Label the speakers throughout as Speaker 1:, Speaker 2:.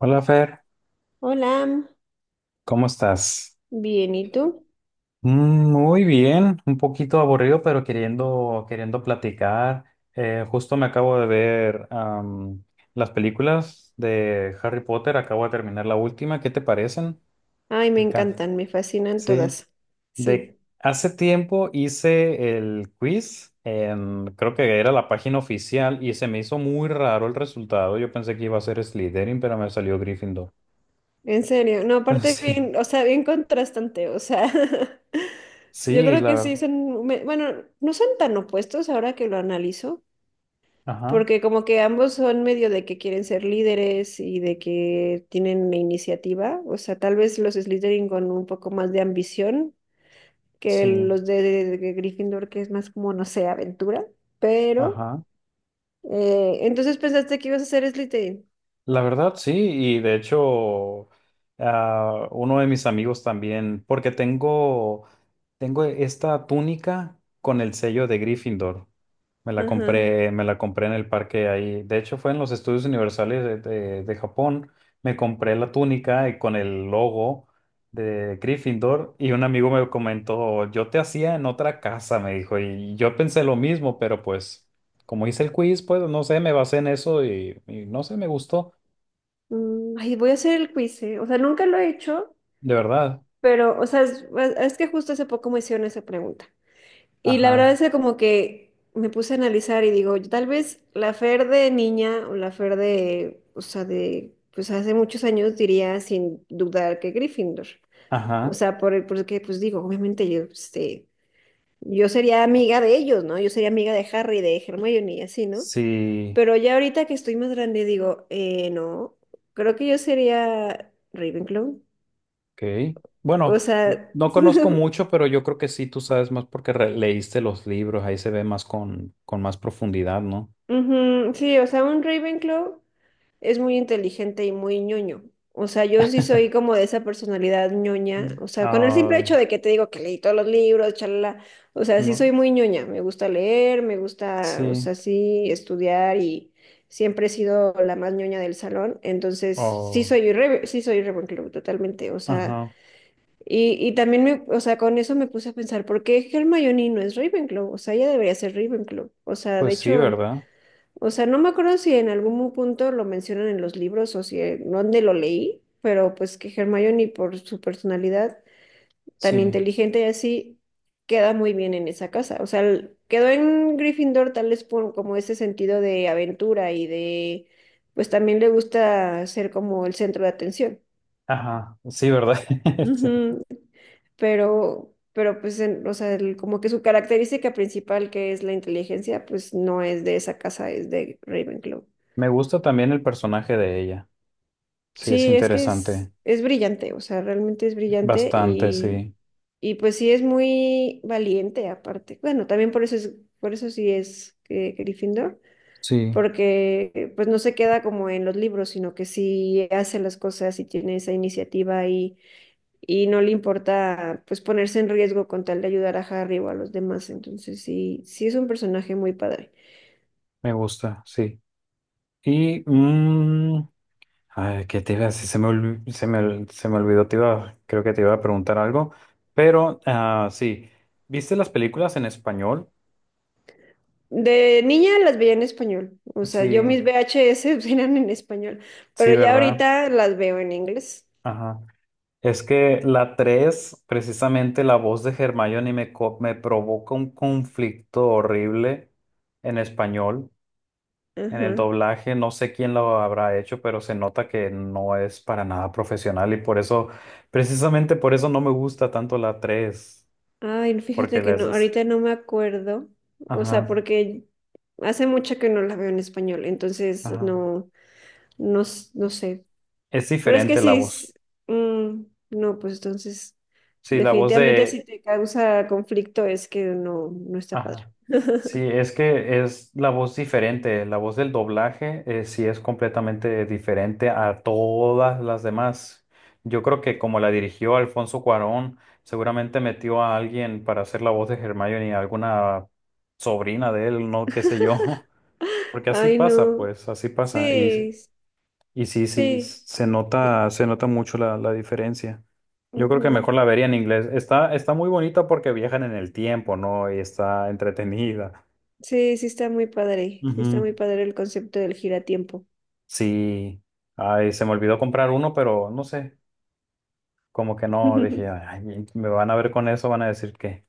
Speaker 1: Hola Fer,
Speaker 2: Hola,
Speaker 1: ¿cómo estás?
Speaker 2: bien, ¿y tú?
Speaker 1: Muy bien, un poquito aburrido, pero queriendo platicar. Justo me acabo de ver las películas de Harry Potter, acabo de terminar la última. ¿Qué te parecen?
Speaker 2: Ay,
Speaker 1: ¿Te
Speaker 2: me
Speaker 1: encanta?
Speaker 2: encantan, me fascinan
Speaker 1: Sí.
Speaker 2: todas. Sí,
Speaker 1: De hace tiempo hice el quiz, creo que era la página oficial y se me hizo muy raro el resultado. Yo pensé que iba a ser Slytherin, pero me salió Gryffindor.
Speaker 2: en serio. No, aparte
Speaker 1: Sí,
Speaker 2: bien, o sea, bien contrastante, o sea, yo
Speaker 1: sí,
Speaker 2: creo
Speaker 1: la
Speaker 2: que sí
Speaker 1: verdad.
Speaker 2: son, bueno, no son tan opuestos ahora que lo analizo,
Speaker 1: Ajá,
Speaker 2: porque como que ambos son medio de que quieren ser líderes y de que tienen iniciativa, o sea, tal vez los Slytherin con un poco más de ambición que
Speaker 1: sí.
Speaker 2: los de Gryffindor, que es más como, no sé, aventura, pero...
Speaker 1: Ajá.
Speaker 2: Entonces pensaste que ibas a hacer Slytherin.
Speaker 1: La verdad, sí, y de hecho, uno de mis amigos también, tengo esta túnica con el sello de Gryffindor.
Speaker 2: Ajá.
Speaker 1: Me la compré en el parque ahí. De hecho, fue en los estudios universales de Japón. Me compré la túnica y con el logo de Gryffindor y un amigo me comentó, yo te hacía en otra casa, me dijo, y yo pensé lo mismo, pero pues como hice el quiz, pues no sé, me basé en eso y no sé, me gustó.
Speaker 2: Ay, voy a hacer el quiz, ¿eh? O sea, nunca lo he hecho,
Speaker 1: De verdad.
Speaker 2: pero, o sea, es que justo hace poco me hicieron esa pregunta. Y la verdad
Speaker 1: Ajá,
Speaker 2: es que como que me puse a analizar y digo, tal vez la Fer de niña o la Fer de, o sea, de, pues hace muchos años diría sin dudar que Gryffindor. O
Speaker 1: ajá.
Speaker 2: sea, por, porque, pues digo, obviamente yo, este, yo sería amiga de ellos, ¿no? Yo sería amiga de Harry, de Hermione y así, ¿no?
Speaker 1: Sí,
Speaker 2: Pero ya ahorita que estoy más grande, digo, no, creo que yo sería Ravenclaw.
Speaker 1: ok. Bueno,
Speaker 2: O sea,
Speaker 1: no conozco mucho, pero yo creo que sí, tú sabes más porque leíste los libros, ahí se ve más con más profundidad, ¿no?
Speaker 2: ujú, sí, o sea, un Ravenclaw es muy inteligente y muy ñoño. O sea, yo sí soy como de esa personalidad ñoña.
Speaker 1: Mm.
Speaker 2: O sea, con el simple
Speaker 1: Ay,
Speaker 2: hecho de que te digo que leí todos los libros, chalala. O sea, sí
Speaker 1: no,
Speaker 2: soy muy ñoña. Me gusta leer, me gusta, o
Speaker 1: sí.
Speaker 2: sea, sí, estudiar y siempre he sido la más ñoña del salón. Entonces,
Speaker 1: Oh,
Speaker 2: sí soy Ravenclaw, totalmente. O sea,
Speaker 1: ajá.
Speaker 2: y también me, o sea, con eso me puse a pensar, ¿por qué Hermione no es Ravenclaw? O sea, ella debería ser Ravenclaw. O sea, de
Speaker 1: Pues sí,
Speaker 2: hecho,
Speaker 1: ¿verdad?
Speaker 2: o sea, no me acuerdo si en algún punto lo mencionan en los libros o si en dónde lo leí, pero pues que Hermione por su personalidad tan
Speaker 1: Sí.
Speaker 2: inteligente y así queda muy bien en esa casa. O sea, quedó en Gryffindor tal vez por como ese sentido de aventura y de, pues también le gusta ser como el centro de atención.
Speaker 1: Ajá, sí, ¿verdad? Sí.
Speaker 2: Ujú, pero pues, o sea, como que su característica principal, que es la inteligencia, pues no es de esa casa, es de Ravenclaw.
Speaker 1: Me gusta también el personaje de ella. Sí, es
Speaker 2: Sí, es que
Speaker 1: interesante.
Speaker 2: es brillante, o sea, realmente es brillante
Speaker 1: Bastante, sí.
Speaker 2: y pues sí es muy valiente aparte. Bueno, también por eso es, por eso sí es Gryffindor,
Speaker 1: Sí,
Speaker 2: porque pues no se queda como en los libros, sino que sí hace las cosas y tiene esa iniciativa y no le importa pues ponerse en riesgo con tal de ayudar a Harry o a los demás. Entonces sí, sí es un personaje muy padre.
Speaker 1: me gusta, sí. Y... ay, ¿qué te iba a decir? Se me olvidó, te iba, creo que te iba a preguntar algo, pero sí, ¿viste las películas en español?
Speaker 2: De niña las veía en español, o sea, yo
Speaker 1: Sí,
Speaker 2: mis VHS eran en español,
Speaker 1: sí,
Speaker 2: pero ya
Speaker 1: ¿verdad?
Speaker 2: ahorita las veo en inglés.
Speaker 1: Ajá. Es que la 3 precisamente la voz de Hermione me provoca un conflicto horrible en español, en el
Speaker 2: Ajá.
Speaker 1: doblaje, no sé quién lo habrá hecho, pero se nota que no es para nada profesional y por eso, precisamente por eso no me gusta tanto la tres.
Speaker 2: Ay, fíjate
Speaker 1: Porque
Speaker 2: que
Speaker 1: les,
Speaker 2: no, ahorita no me acuerdo, o
Speaker 1: ajá,
Speaker 2: sea, porque hace mucho que no la veo en español, entonces
Speaker 1: ajá.
Speaker 2: no, no sé.
Speaker 1: Es
Speaker 2: Pero es que
Speaker 1: diferente la
Speaker 2: sí,
Speaker 1: voz.
Speaker 2: mm, no, pues entonces,
Speaker 1: Sí, la voz
Speaker 2: definitivamente si
Speaker 1: de...
Speaker 2: te causa conflicto es que no, no está padre.
Speaker 1: Ajá. Sí, es que es la voz diferente. La voz del doblaje sí es completamente diferente a todas las demás. Yo creo que como la dirigió Alfonso Cuarón, seguramente metió a alguien para hacer la voz de Hermione, alguna sobrina de él, no qué sé yo. Porque así
Speaker 2: Ay,
Speaker 1: pasa,
Speaker 2: no.
Speaker 1: pues, así pasa. Y
Speaker 2: Sí,
Speaker 1: y sí, sí,
Speaker 2: sí. Sí,
Speaker 1: se nota mucho la diferencia. Yo creo que mejor
Speaker 2: ujú.
Speaker 1: la vería en inglés. Está, está muy bonita porque viajan en el tiempo, ¿no? Y está entretenida.
Speaker 2: Sí, sí está muy padre. Sí está muy
Speaker 1: Ujú.
Speaker 2: padre el concepto del giratiempo.
Speaker 1: Sí. Ay, se me olvidó comprar uno, pero no sé. Como que no, dije, "Ay, me van a ver con eso, van a decir que".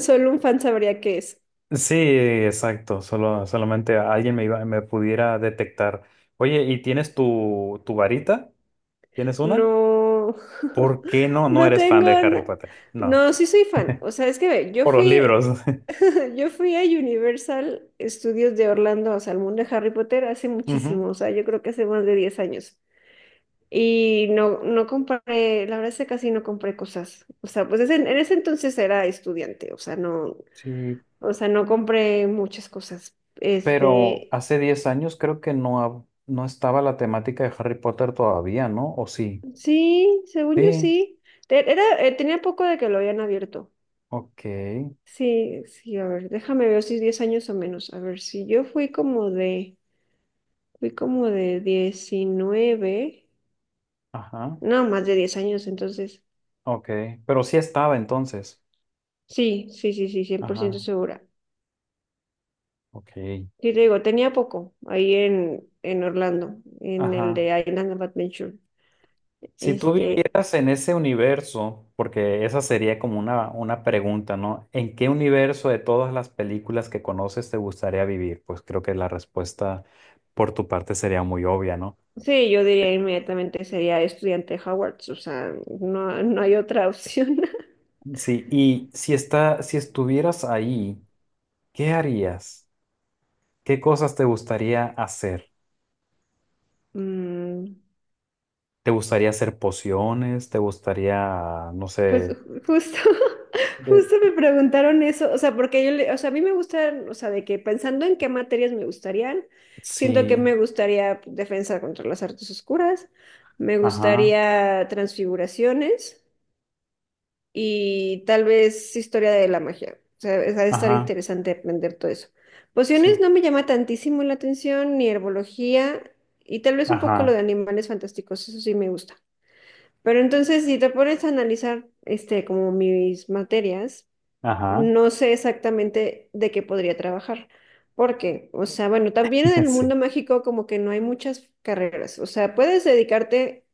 Speaker 2: Solo un fan sabría qué es.
Speaker 1: Sí, exacto. Solo, solamente alguien me iba, me pudiera detectar. Oye, ¿y tienes tu varita? ¿Tienes una?
Speaker 2: No,
Speaker 1: ¿Por qué no? No
Speaker 2: no
Speaker 1: eres fan
Speaker 2: tengo,
Speaker 1: de Harry Potter. No.
Speaker 2: no, sí soy fan. O sea, es que ve,
Speaker 1: Por los libros.
Speaker 2: yo fui a Universal Studios de Orlando, o sea, al mundo de Harry Potter hace
Speaker 1: Ujú.
Speaker 2: muchísimo, o sea, yo creo que hace más de 10 años. Y no, no compré, la verdad es que casi no compré cosas. O sea, pues en ese entonces era estudiante,
Speaker 1: Sí,
Speaker 2: o sea, no compré muchas cosas.
Speaker 1: pero
Speaker 2: Este,
Speaker 1: hace 10 años creo que no, no estaba la temática de Harry Potter todavía, ¿no? ¿O sí?
Speaker 2: sí, según yo
Speaker 1: Sí,
Speaker 2: sí. Era, tenía poco de que lo habían abierto.
Speaker 1: ok,
Speaker 2: Sí, sí, a ver, déjame ver si es 10 años o menos. A ver, si yo fui como de 19,
Speaker 1: ajá,
Speaker 2: no, más de 10 años, entonces,
Speaker 1: ok, pero sí estaba entonces,
Speaker 2: sí, sí, sí, sí, 100 por ciento
Speaker 1: ajá,
Speaker 2: segura.
Speaker 1: ok,
Speaker 2: Sí, te digo, tenía poco ahí en Orlando, en el
Speaker 1: ajá.
Speaker 2: de Island of Adventure.
Speaker 1: Si tú
Speaker 2: Este,
Speaker 1: vivieras en ese universo, porque esa sería como una pregunta, ¿no? ¿En qué universo de todas las películas que conoces te gustaría vivir? Pues creo que la respuesta por tu parte sería muy obvia, ¿no?
Speaker 2: sí, yo diría inmediatamente sería estudiante de Howard, o sea, no, no hay otra opción.
Speaker 1: Sí, y si está, si estuvieras ahí, ¿qué harías? ¿Qué cosas te gustaría hacer?
Speaker 2: Mm,
Speaker 1: ¿Te gustaría hacer pociones? ¿Te gustaría, no
Speaker 2: pues
Speaker 1: sé,
Speaker 2: justo,
Speaker 1: de...
Speaker 2: justo me preguntaron eso, o sea, porque yo, o sea, a mí me gustan, o sea, de que pensando en qué materias me gustarían, siento que
Speaker 1: Sí,
Speaker 2: me gustaría defensa contra las artes oscuras, me
Speaker 1: ajá,
Speaker 2: gustaría transfiguraciones y tal vez historia de la magia, o sea, ha de estar
Speaker 1: ajá,
Speaker 2: interesante aprender todo eso.
Speaker 1: sí,
Speaker 2: Pociones no me llama tantísimo la atención, ni herbología, y tal vez un poco lo de
Speaker 1: ajá,
Speaker 2: animales fantásticos, eso sí me gusta. Pero entonces, si te pones a analizar, este, como mis materias,
Speaker 1: ajá,
Speaker 2: no sé exactamente de qué podría trabajar. Porque, o sea, bueno, también en el
Speaker 1: sí,
Speaker 2: mundo mágico como que no hay muchas carreras. O sea, puedes dedicarte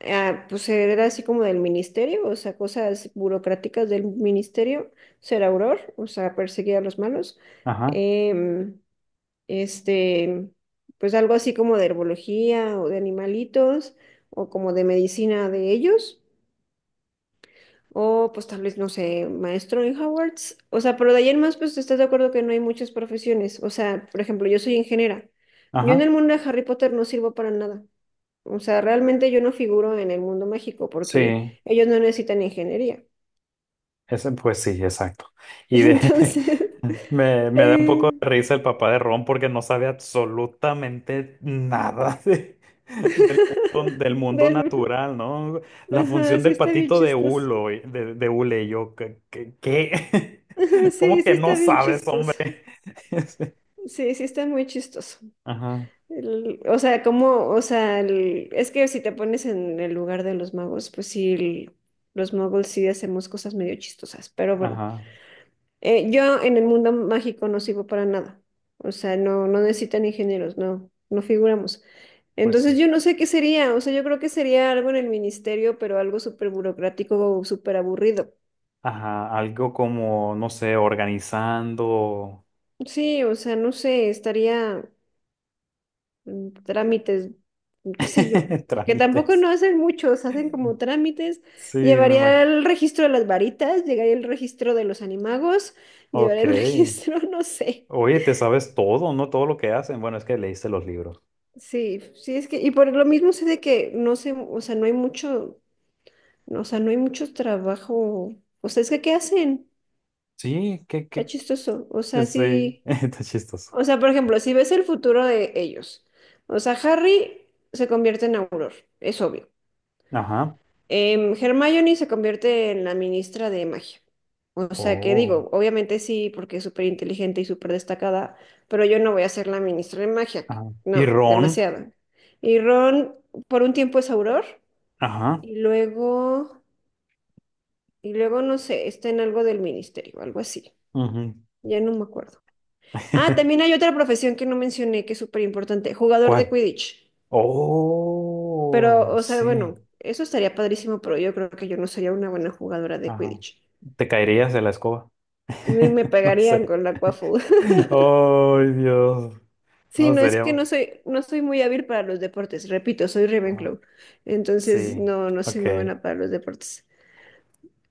Speaker 2: a, pues, ser así como del ministerio, o sea, cosas burocráticas del ministerio, ser auror, o sea, perseguir a los malos.
Speaker 1: ajá,
Speaker 2: Em, este, pues algo así como de herbología o de animalitos o como de medicina de ellos. O pues tal vez, no sé, maestro en Hogwarts. O sea, pero de ahí en más, pues estás de acuerdo que no hay muchas profesiones. O sea, por ejemplo, yo soy ingeniera. Yo en
Speaker 1: ajá,
Speaker 2: el mundo de Harry Potter no sirvo para nada. O sea, realmente yo no figuro en el mundo mágico porque
Speaker 1: sí.
Speaker 2: ellos no necesitan ingeniería.
Speaker 1: Ese, pues sí, exacto. Y de,
Speaker 2: Entonces,
Speaker 1: me, me da un poco
Speaker 2: eh,
Speaker 1: de risa el papá de Ron porque no sabe absolutamente nada de- del del mundo
Speaker 2: del-
Speaker 1: natural, ¿no? La
Speaker 2: ajá,
Speaker 1: función
Speaker 2: sí
Speaker 1: del
Speaker 2: está bien
Speaker 1: patito de
Speaker 2: chistoso.
Speaker 1: Hulo, de Hule, y yo, ¿qué? Qué?
Speaker 2: Sí,
Speaker 1: ¿Cómo
Speaker 2: sí
Speaker 1: que no
Speaker 2: está bien
Speaker 1: sabes,
Speaker 2: chistoso.
Speaker 1: hombre?
Speaker 2: Sí, sí está muy chistoso.
Speaker 1: Ajá,
Speaker 2: O sea, como, o sea, es que si te pones en el lugar de los magos, pues sí, los magos sí hacemos cosas medio chistosas, pero bueno,
Speaker 1: ajá,
Speaker 2: Yo en el mundo mágico no sirvo para nada, o sea, no, no necesitan ingenieros, no, no figuramos.
Speaker 1: pues
Speaker 2: Entonces
Speaker 1: sí.
Speaker 2: yo no sé qué sería, o sea, yo creo que sería algo en el ministerio, pero algo súper burocrático o súper aburrido.
Speaker 1: Ajá, algo como, no sé, organizando
Speaker 2: Sí, o sea, no sé, estaría... trámites, qué sé yo, que tampoco
Speaker 1: trámites.
Speaker 2: no hacen muchos, hacen como trámites.
Speaker 1: Sí, me
Speaker 2: Llevaría
Speaker 1: imagino.
Speaker 2: el registro de las varitas, llegaría el registro de los animagos,
Speaker 1: Ok.
Speaker 2: llevaría el registro, no sé.
Speaker 1: Oye, te sabes todo, ¿no? Todo lo que hacen. Bueno, es que leíste los libros.
Speaker 2: Sí, sí es que, y por lo mismo sé de que no sé, o sea, no hay mucho, o sea, no hay mucho trabajo. O sea, es que ¿qué hacen?
Speaker 1: Sí, qué,
Speaker 2: Está
Speaker 1: qué.
Speaker 2: chistoso. O sea,
Speaker 1: Sí,
Speaker 2: sí.
Speaker 1: está chistoso.
Speaker 2: O sea, por ejemplo, si ves el futuro de ellos, o sea, Harry se convierte en Auror, es obvio.
Speaker 1: Ajá.
Speaker 2: Hermione se convierte en la ministra de magia. O sea que
Speaker 1: Oh.
Speaker 2: digo, obviamente sí, porque es súper inteligente y súper destacada, pero yo no voy a ser la ministra de magia.
Speaker 1: Ajá. Y
Speaker 2: No,
Speaker 1: Ron.
Speaker 2: demasiado. Y Ron por un tiempo es Auror
Speaker 1: Ajá.
Speaker 2: y luego, y luego no sé, está en algo del ministerio, algo así.
Speaker 1: Ujú.
Speaker 2: Ya no me acuerdo. Ah, también hay otra profesión que no mencioné que es súper importante, jugador de
Speaker 1: ¿Cuál?
Speaker 2: Quidditch. Pero,
Speaker 1: Oh,
Speaker 2: o sea,
Speaker 1: sí.
Speaker 2: bueno, eso estaría padrísimo, pero yo creo que yo no sería una buena jugadora de
Speaker 1: Ajá.
Speaker 2: Quidditch.
Speaker 1: Te caerías de la escoba.
Speaker 2: Ni me
Speaker 1: No
Speaker 2: pegarían
Speaker 1: sé.
Speaker 2: con la Quaffle.
Speaker 1: Oh, Dios.
Speaker 2: Sí,
Speaker 1: No,
Speaker 2: no, es
Speaker 1: sería.
Speaker 2: que no soy, no soy muy hábil para los deportes. Repito, soy
Speaker 1: Ajá.
Speaker 2: Ravenclaw. Entonces,
Speaker 1: Sí.
Speaker 2: no, no soy
Speaker 1: Ok.
Speaker 2: muy buena para los deportes.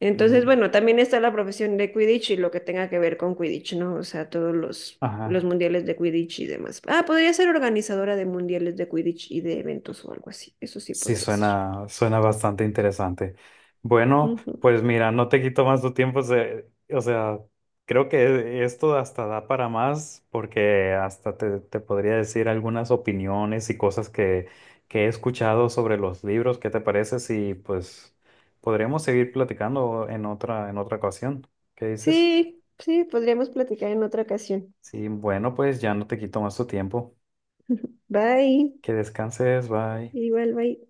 Speaker 2: Entonces,
Speaker 1: Mm,
Speaker 2: bueno, también está la profesión de Quidditch y lo que tenga que ver con Quidditch, ¿no? O sea, todos
Speaker 1: ajá.
Speaker 2: los mundiales de Quidditch y demás. Ah, podría ser organizadora de mundiales de Quidditch y de eventos o algo así. Eso sí
Speaker 1: Sí,
Speaker 2: podría ser.
Speaker 1: suena, suena bastante interesante. Bueno,
Speaker 2: Ujú.
Speaker 1: pues mira, no te quito más tu tiempo. O sea, creo que esto hasta da para más porque hasta te podría decir algunas opiniones y cosas que he escuchado sobre los libros. ¿Qué te parece? Si pues podremos seguir platicando en otra ocasión. ¿Qué dices?
Speaker 2: Sí, sí, podríamos platicar en otra ocasión.
Speaker 1: Sí, bueno, pues ya no te quito más tu tiempo.
Speaker 2: Bye.
Speaker 1: Que descanses, bye.
Speaker 2: Igual, bye.